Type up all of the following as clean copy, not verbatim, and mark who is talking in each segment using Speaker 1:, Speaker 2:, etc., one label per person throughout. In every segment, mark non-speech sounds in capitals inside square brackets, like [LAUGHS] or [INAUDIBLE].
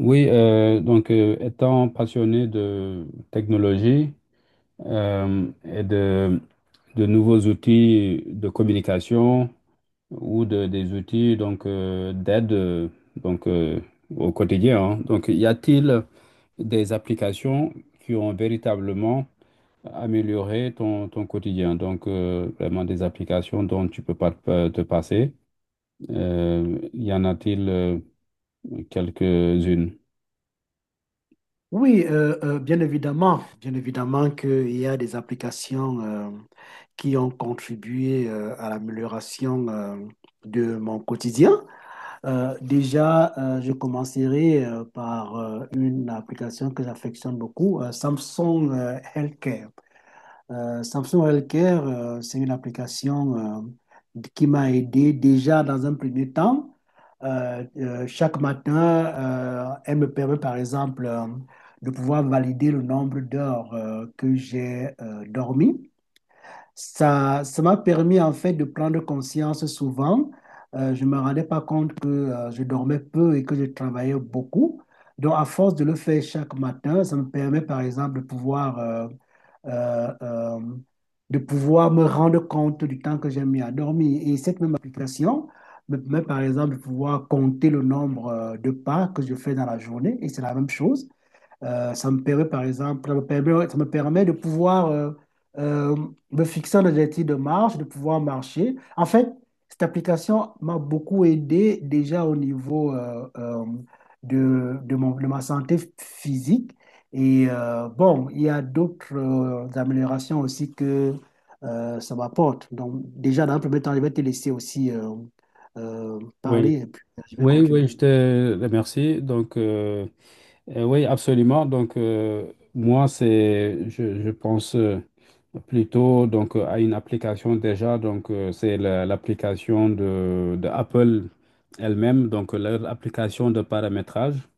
Speaker 1: Oui, donc étant passionné de technologie et de nouveaux outils de communication ou des outils donc d'aide donc au quotidien, hein. Donc y a-t-il des applications qui ont véritablement amélioré ton quotidien? Donc vraiment des applications dont tu peux pas te passer. Y en a-t-il quelques-unes.
Speaker 2: Oui, bien évidemment qu'il y a des applications qui ont contribué à l'amélioration de mon quotidien. Déjà, je commencerai par une application que j'affectionne beaucoup, Samsung Healthcare. Samsung Healthcare, c'est une application qui m'a aidé déjà dans un premier temps. Chaque matin, elle me permet par exemple de pouvoir valider le nombre d'heures que j'ai dormi. Ça m'a permis en fait de prendre conscience souvent. Je ne me rendais pas compte que je dormais peu et que je travaillais beaucoup. Donc, à force de le faire chaque matin, ça me permet par exemple euh, euh, de pouvoir me rendre compte du temps que j'ai mis à dormir. Et cette même application me permet par exemple de pouvoir compter le nombre de pas que je fais dans la journée. Et c'est la même chose. Ça me permet, par exemple, ça me permet, ouais, ça me permet de pouvoir euh, me fixer un objectif de marche, de pouvoir marcher. En fait, cette application m'a beaucoup aidé déjà au niveau de, de ma santé physique. Et bon, il y a d'autres améliorations aussi que ça m'apporte. Donc, déjà, dans un premier temps, je vais te laisser aussi
Speaker 1: Oui,
Speaker 2: parler et puis je vais
Speaker 1: oui,
Speaker 2: continuer.
Speaker 1: je te remercie. Donc, oui, absolument. Donc, moi, je pense plutôt donc à une application déjà. Donc, c'est l'application de Apple elle-même, donc leur application de paramétrage.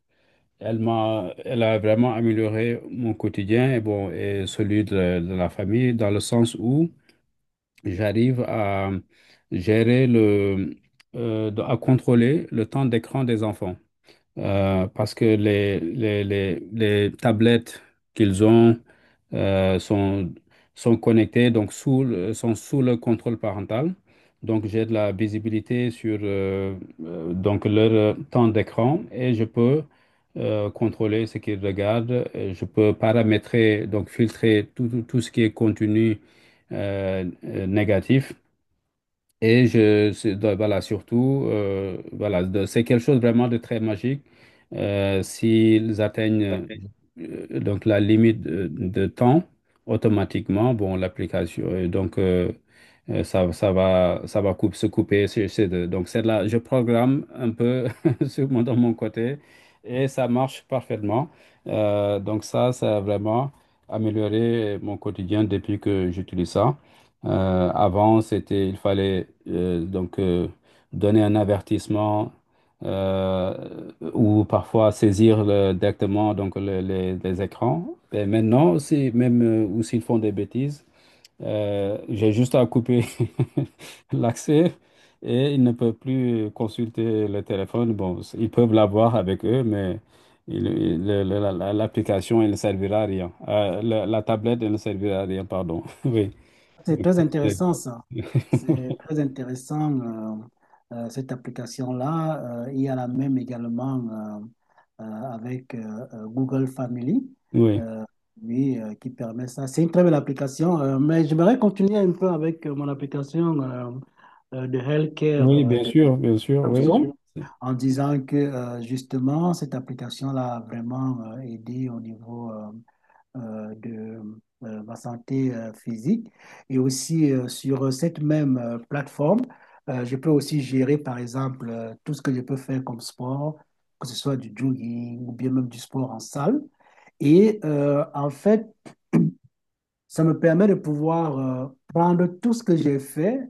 Speaker 1: Elle a vraiment amélioré mon quotidien et bon, et celui de la famille dans le sens où j'arrive à gérer à contrôler le temps d'écran des enfants parce que les tablettes qu'ils ont euh, sont, sont connectées, donc sont sous le contrôle parental. Donc j'ai de la visibilité sur donc leur temps d'écran et je peux contrôler ce qu'ils regardent. Et je peux paramétrer, donc filtrer tout ce qui est contenu négatif. Donc, voilà, surtout, voilà, c'est quelque chose vraiment de très magique. S'ils atteignent donc la limite de temps, automatiquement, bon, l'application, ça va, se couper. C'est donc c'est là, je programme un peu [LAUGHS] sur dans mon côté, et ça marche parfaitement. Donc ça a vraiment amélioré mon quotidien depuis que j'utilise ça. Avant, il fallait donner un avertissement ou parfois directement donc les écrans. Et maintenant aussi, même ou s'ils font des bêtises, j'ai juste à couper [LAUGHS] l'accès, et ils ne peuvent plus consulter le téléphone. Bon, ils peuvent l'avoir avec eux, mais l'application, elle ne servira à rien. La tablette, elle ne servira à rien, pardon. [LAUGHS] Oui.
Speaker 2: C'est
Speaker 1: Donc,
Speaker 2: très
Speaker 1: ça, c'est-
Speaker 2: intéressant ça. C'est
Speaker 1: [LAUGHS]
Speaker 2: très intéressant cette application-là. Il y a la même également avec Google Family,
Speaker 1: Oui,
Speaker 2: euh, oui, qui permet ça. C'est une très belle application, mais j'aimerais continuer un peu avec mon application de healthcare
Speaker 1: oui,
Speaker 2: de
Speaker 1: bien sûr, oui.
Speaker 2: Samsung en disant que justement cette application-là a vraiment aidé au niveau de ma santé physique. Et aussi sur cette même plateforme, je peux aussi gérer, par exemple, tout ce que je peux faire comme sport, que ce soit du jogging ou bien même du sport en salle. Et en fait, ça me permet de pouvoir prendre tout ce que j'ai fait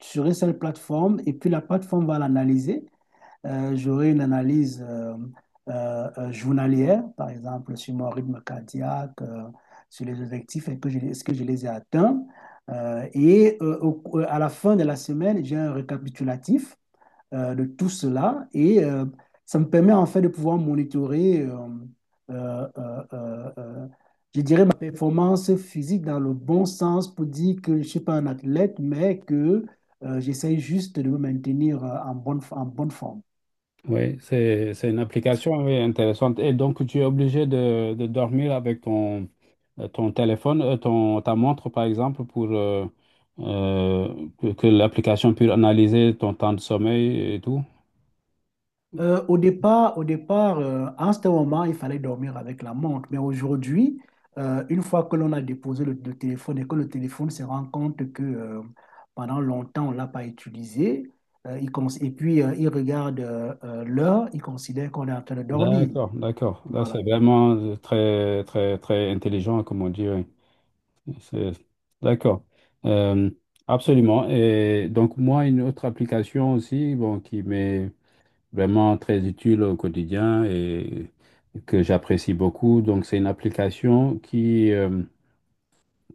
Speaker 2: sur une seule plateforme et puis la plateforme va l'analyser. J'aurai une analyse journalière, par exemple, sur mon rythme cardiaque, sur les objectifs, et que est-ce que je les ai atteints. Et à la fin de la semaine, j'ai un récapitulatif de tout cela et ça me permet en fait de pouvoir monitorer, euh, euh, euh, euh, je dirais, ma performance physique dans le bon sens pour dire que je ne suis pas un athlète, mais que j'essaye juste de me maintenir en bonne forme.
Speaker 1: Oui, c'est une application, oui, intéressante. Et donc, tu es obligé de dormir avec ton, ton téléphone, ta montre, par exemple, pour euh, que l'application puisse analyser ton temps de sommeil et tout.
Speaker 2: Au départ, au départ à un certain moment, il fallait dormir avec la montre. Mais aujourd'hui, une fois que l'on a déposé le téléphone et que le téléphone se rend compte que pendant longtemps, on ne l'a pas utilisé, et puis il regarde l'heure, il considère qu'on est en train de dormir.
Speaker 1: D'accord, d'accord. Là,
Speaker 2: Voilà.
Speaker 1: c'est vraiment très, très, très intelligent, comme on dit. Oui. C'est- D'accord. Euh, Absolument. Et donc, moi, une autre application aussi, bon, qui m'est vraiment très utile au quotidien et que j'apprécie beaucoup. Donc, c'est une application qui, euh,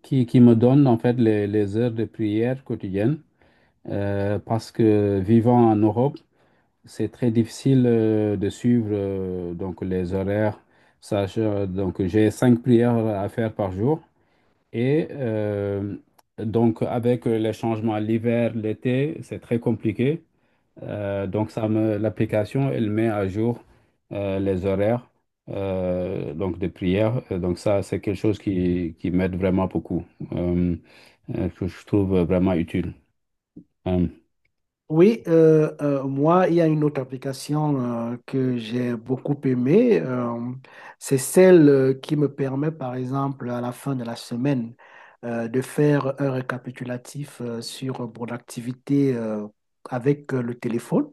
Speaker 1: qui, qui me donne, en fait, les heures de prière quotidienne. Parce que vivant en Europe, c'est très difficile de suivre donc les horaires. Donc j'ai cinq prières à faire par jour et donc avec les changements l'hiver, l'été, c'est très compliqué. Donc ça me L'application, elle met à jour les horaires donc des prières. Donc ça, c'est quelque chose qui m'aide vraiment beaucoup, euh, que je trouve vraiment utile. Euh,
Speaker 2: Oui, moi, il y a une autre application que j'ai beaucoup aimée. C'est celle qui me permet, par exemple, à la fin de la semaine, de faire un récapitulatif sur mon activité avec le téléphone.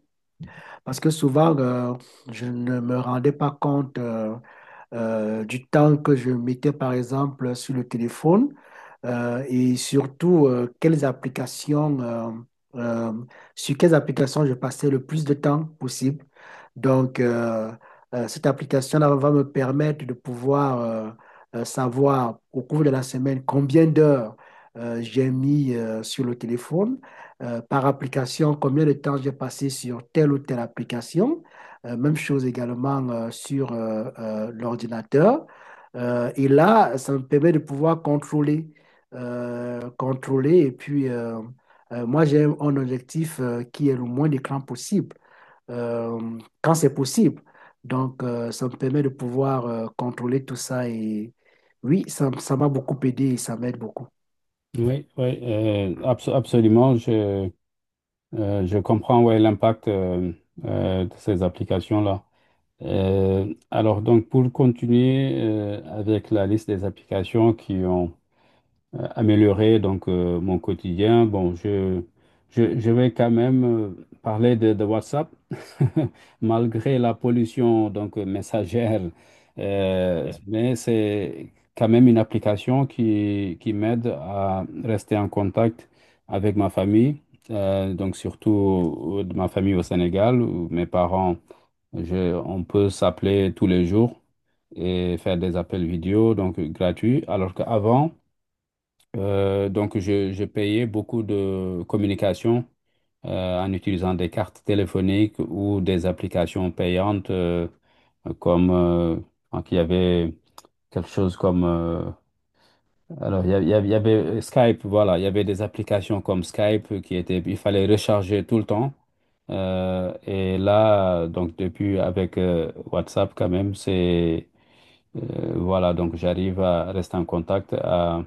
Speaker 2: Parce que souvent, je ne me rendais pas compte. Du temps que je mettais par exemple sur le téléphone et surtout quelles applications, euh, sur quelles applications je passais le plus de temps possible. Donc, cette application-là va me permettre de pouvoir savoir au cours de la semaine combien d'heures j'ai mis sur le téléphone, par application, combien de temps j'ai passé sur telle ou telle application. Même chose également sur l'ordinateur. Et là, ça me permet de pouvoir contrôler, contrôler. Et puis, moi, j'ai un objectif qui est le moins d'écran possible, quand c'est possible. Donc, ça me permet de pouvoir contrôler tout ça. Et oui, ça m'a beaucoup aidé et ça m'aide beaucoup.
Speaker 1: oui, absolument. Je comprends, ouais, l'impact de ces applications-là. Alors donc, pour continuer avec la liste des applications qui ont améliorer donc mon quotidien. Je vais quand même parler de WhatsApp. [LAUGHS] Malgré la pollution donc messagère, mais c'est quand même une application qui m'aide à rester en contact avec ma famille, donc surtout de ma famille au Sénégal, où mes parents, on peut s'appeler tous les jours et faire des appels vidéo, donc gratuits, alors qu'avant, je payais beaucoup de communication en utilisant des cartes téléphoniques ou des applications payantes comme donc il y avait quelque chose comme, il y avait Skype, voilà, il y avait des applications comme Skype qui étaient, il fallait recharger tout le temps. Et là, donc depuis, avec WhatsApp quand même, c'est voilà, donc j'arrive à rester en contact, à,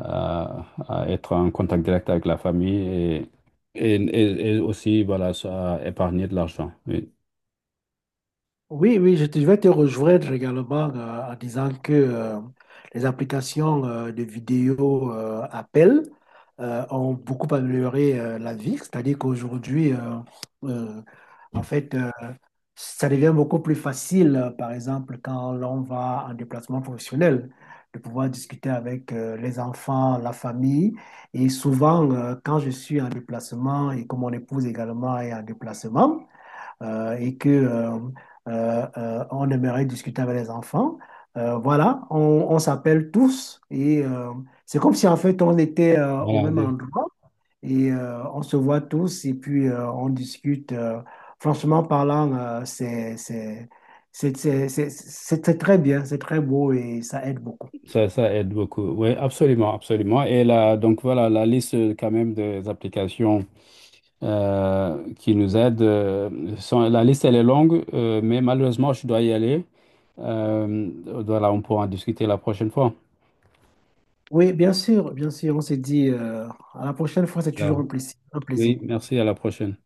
Speaker 1: à- à être en contact direct avec la famille, et aussi, voilà, ça, à épargner de l'argent. Oui.
Speaker 2: Oui, oui, je, je vais te rejoindre également en disant que les applications de vidéo appel ont beaucoup amélioré la vie. C'est-à-dire qu'aujourd'hui, euh, en fait, ça devient beaucoup plus facile, par exemple, quand l'on va en déplacement professionnel, de pouvoir discuter avec les enfants, la famille. Et souvent, quand je suis en déplacement et que mon épouse également est en déplacement, et que on aimerait discuter avec les enfants. Voilà, on s'appelle tous et c'est comme si en fait on était au
Speaker 1: Voilà,
Speaker 2: même
Speaker 1: des-
Speaker 2: endroit et on se voit tous et puis on discute. Franchement parlant, c'est très bien, c'est très beau et ça aide beaucoup.
Speaker 1: Ça, ça aide beaucoup. Oui, absolument, absolument. Et là, donc voilà, la liste quand même des applications qui nous aident, la liste, elle est longue, mais malheureusement, je dois y aller. Euh, voilà, on pourra en discuter la prochaine fois.
Speaker 2: Oui, bien sûr, on s'est dit à la prochaine fois, c'est
Speaker 1: Voilà.
Speaker 2: toujours un plaisir, un plaisir.
Speaker 1: Oui, merci, à la prochaine.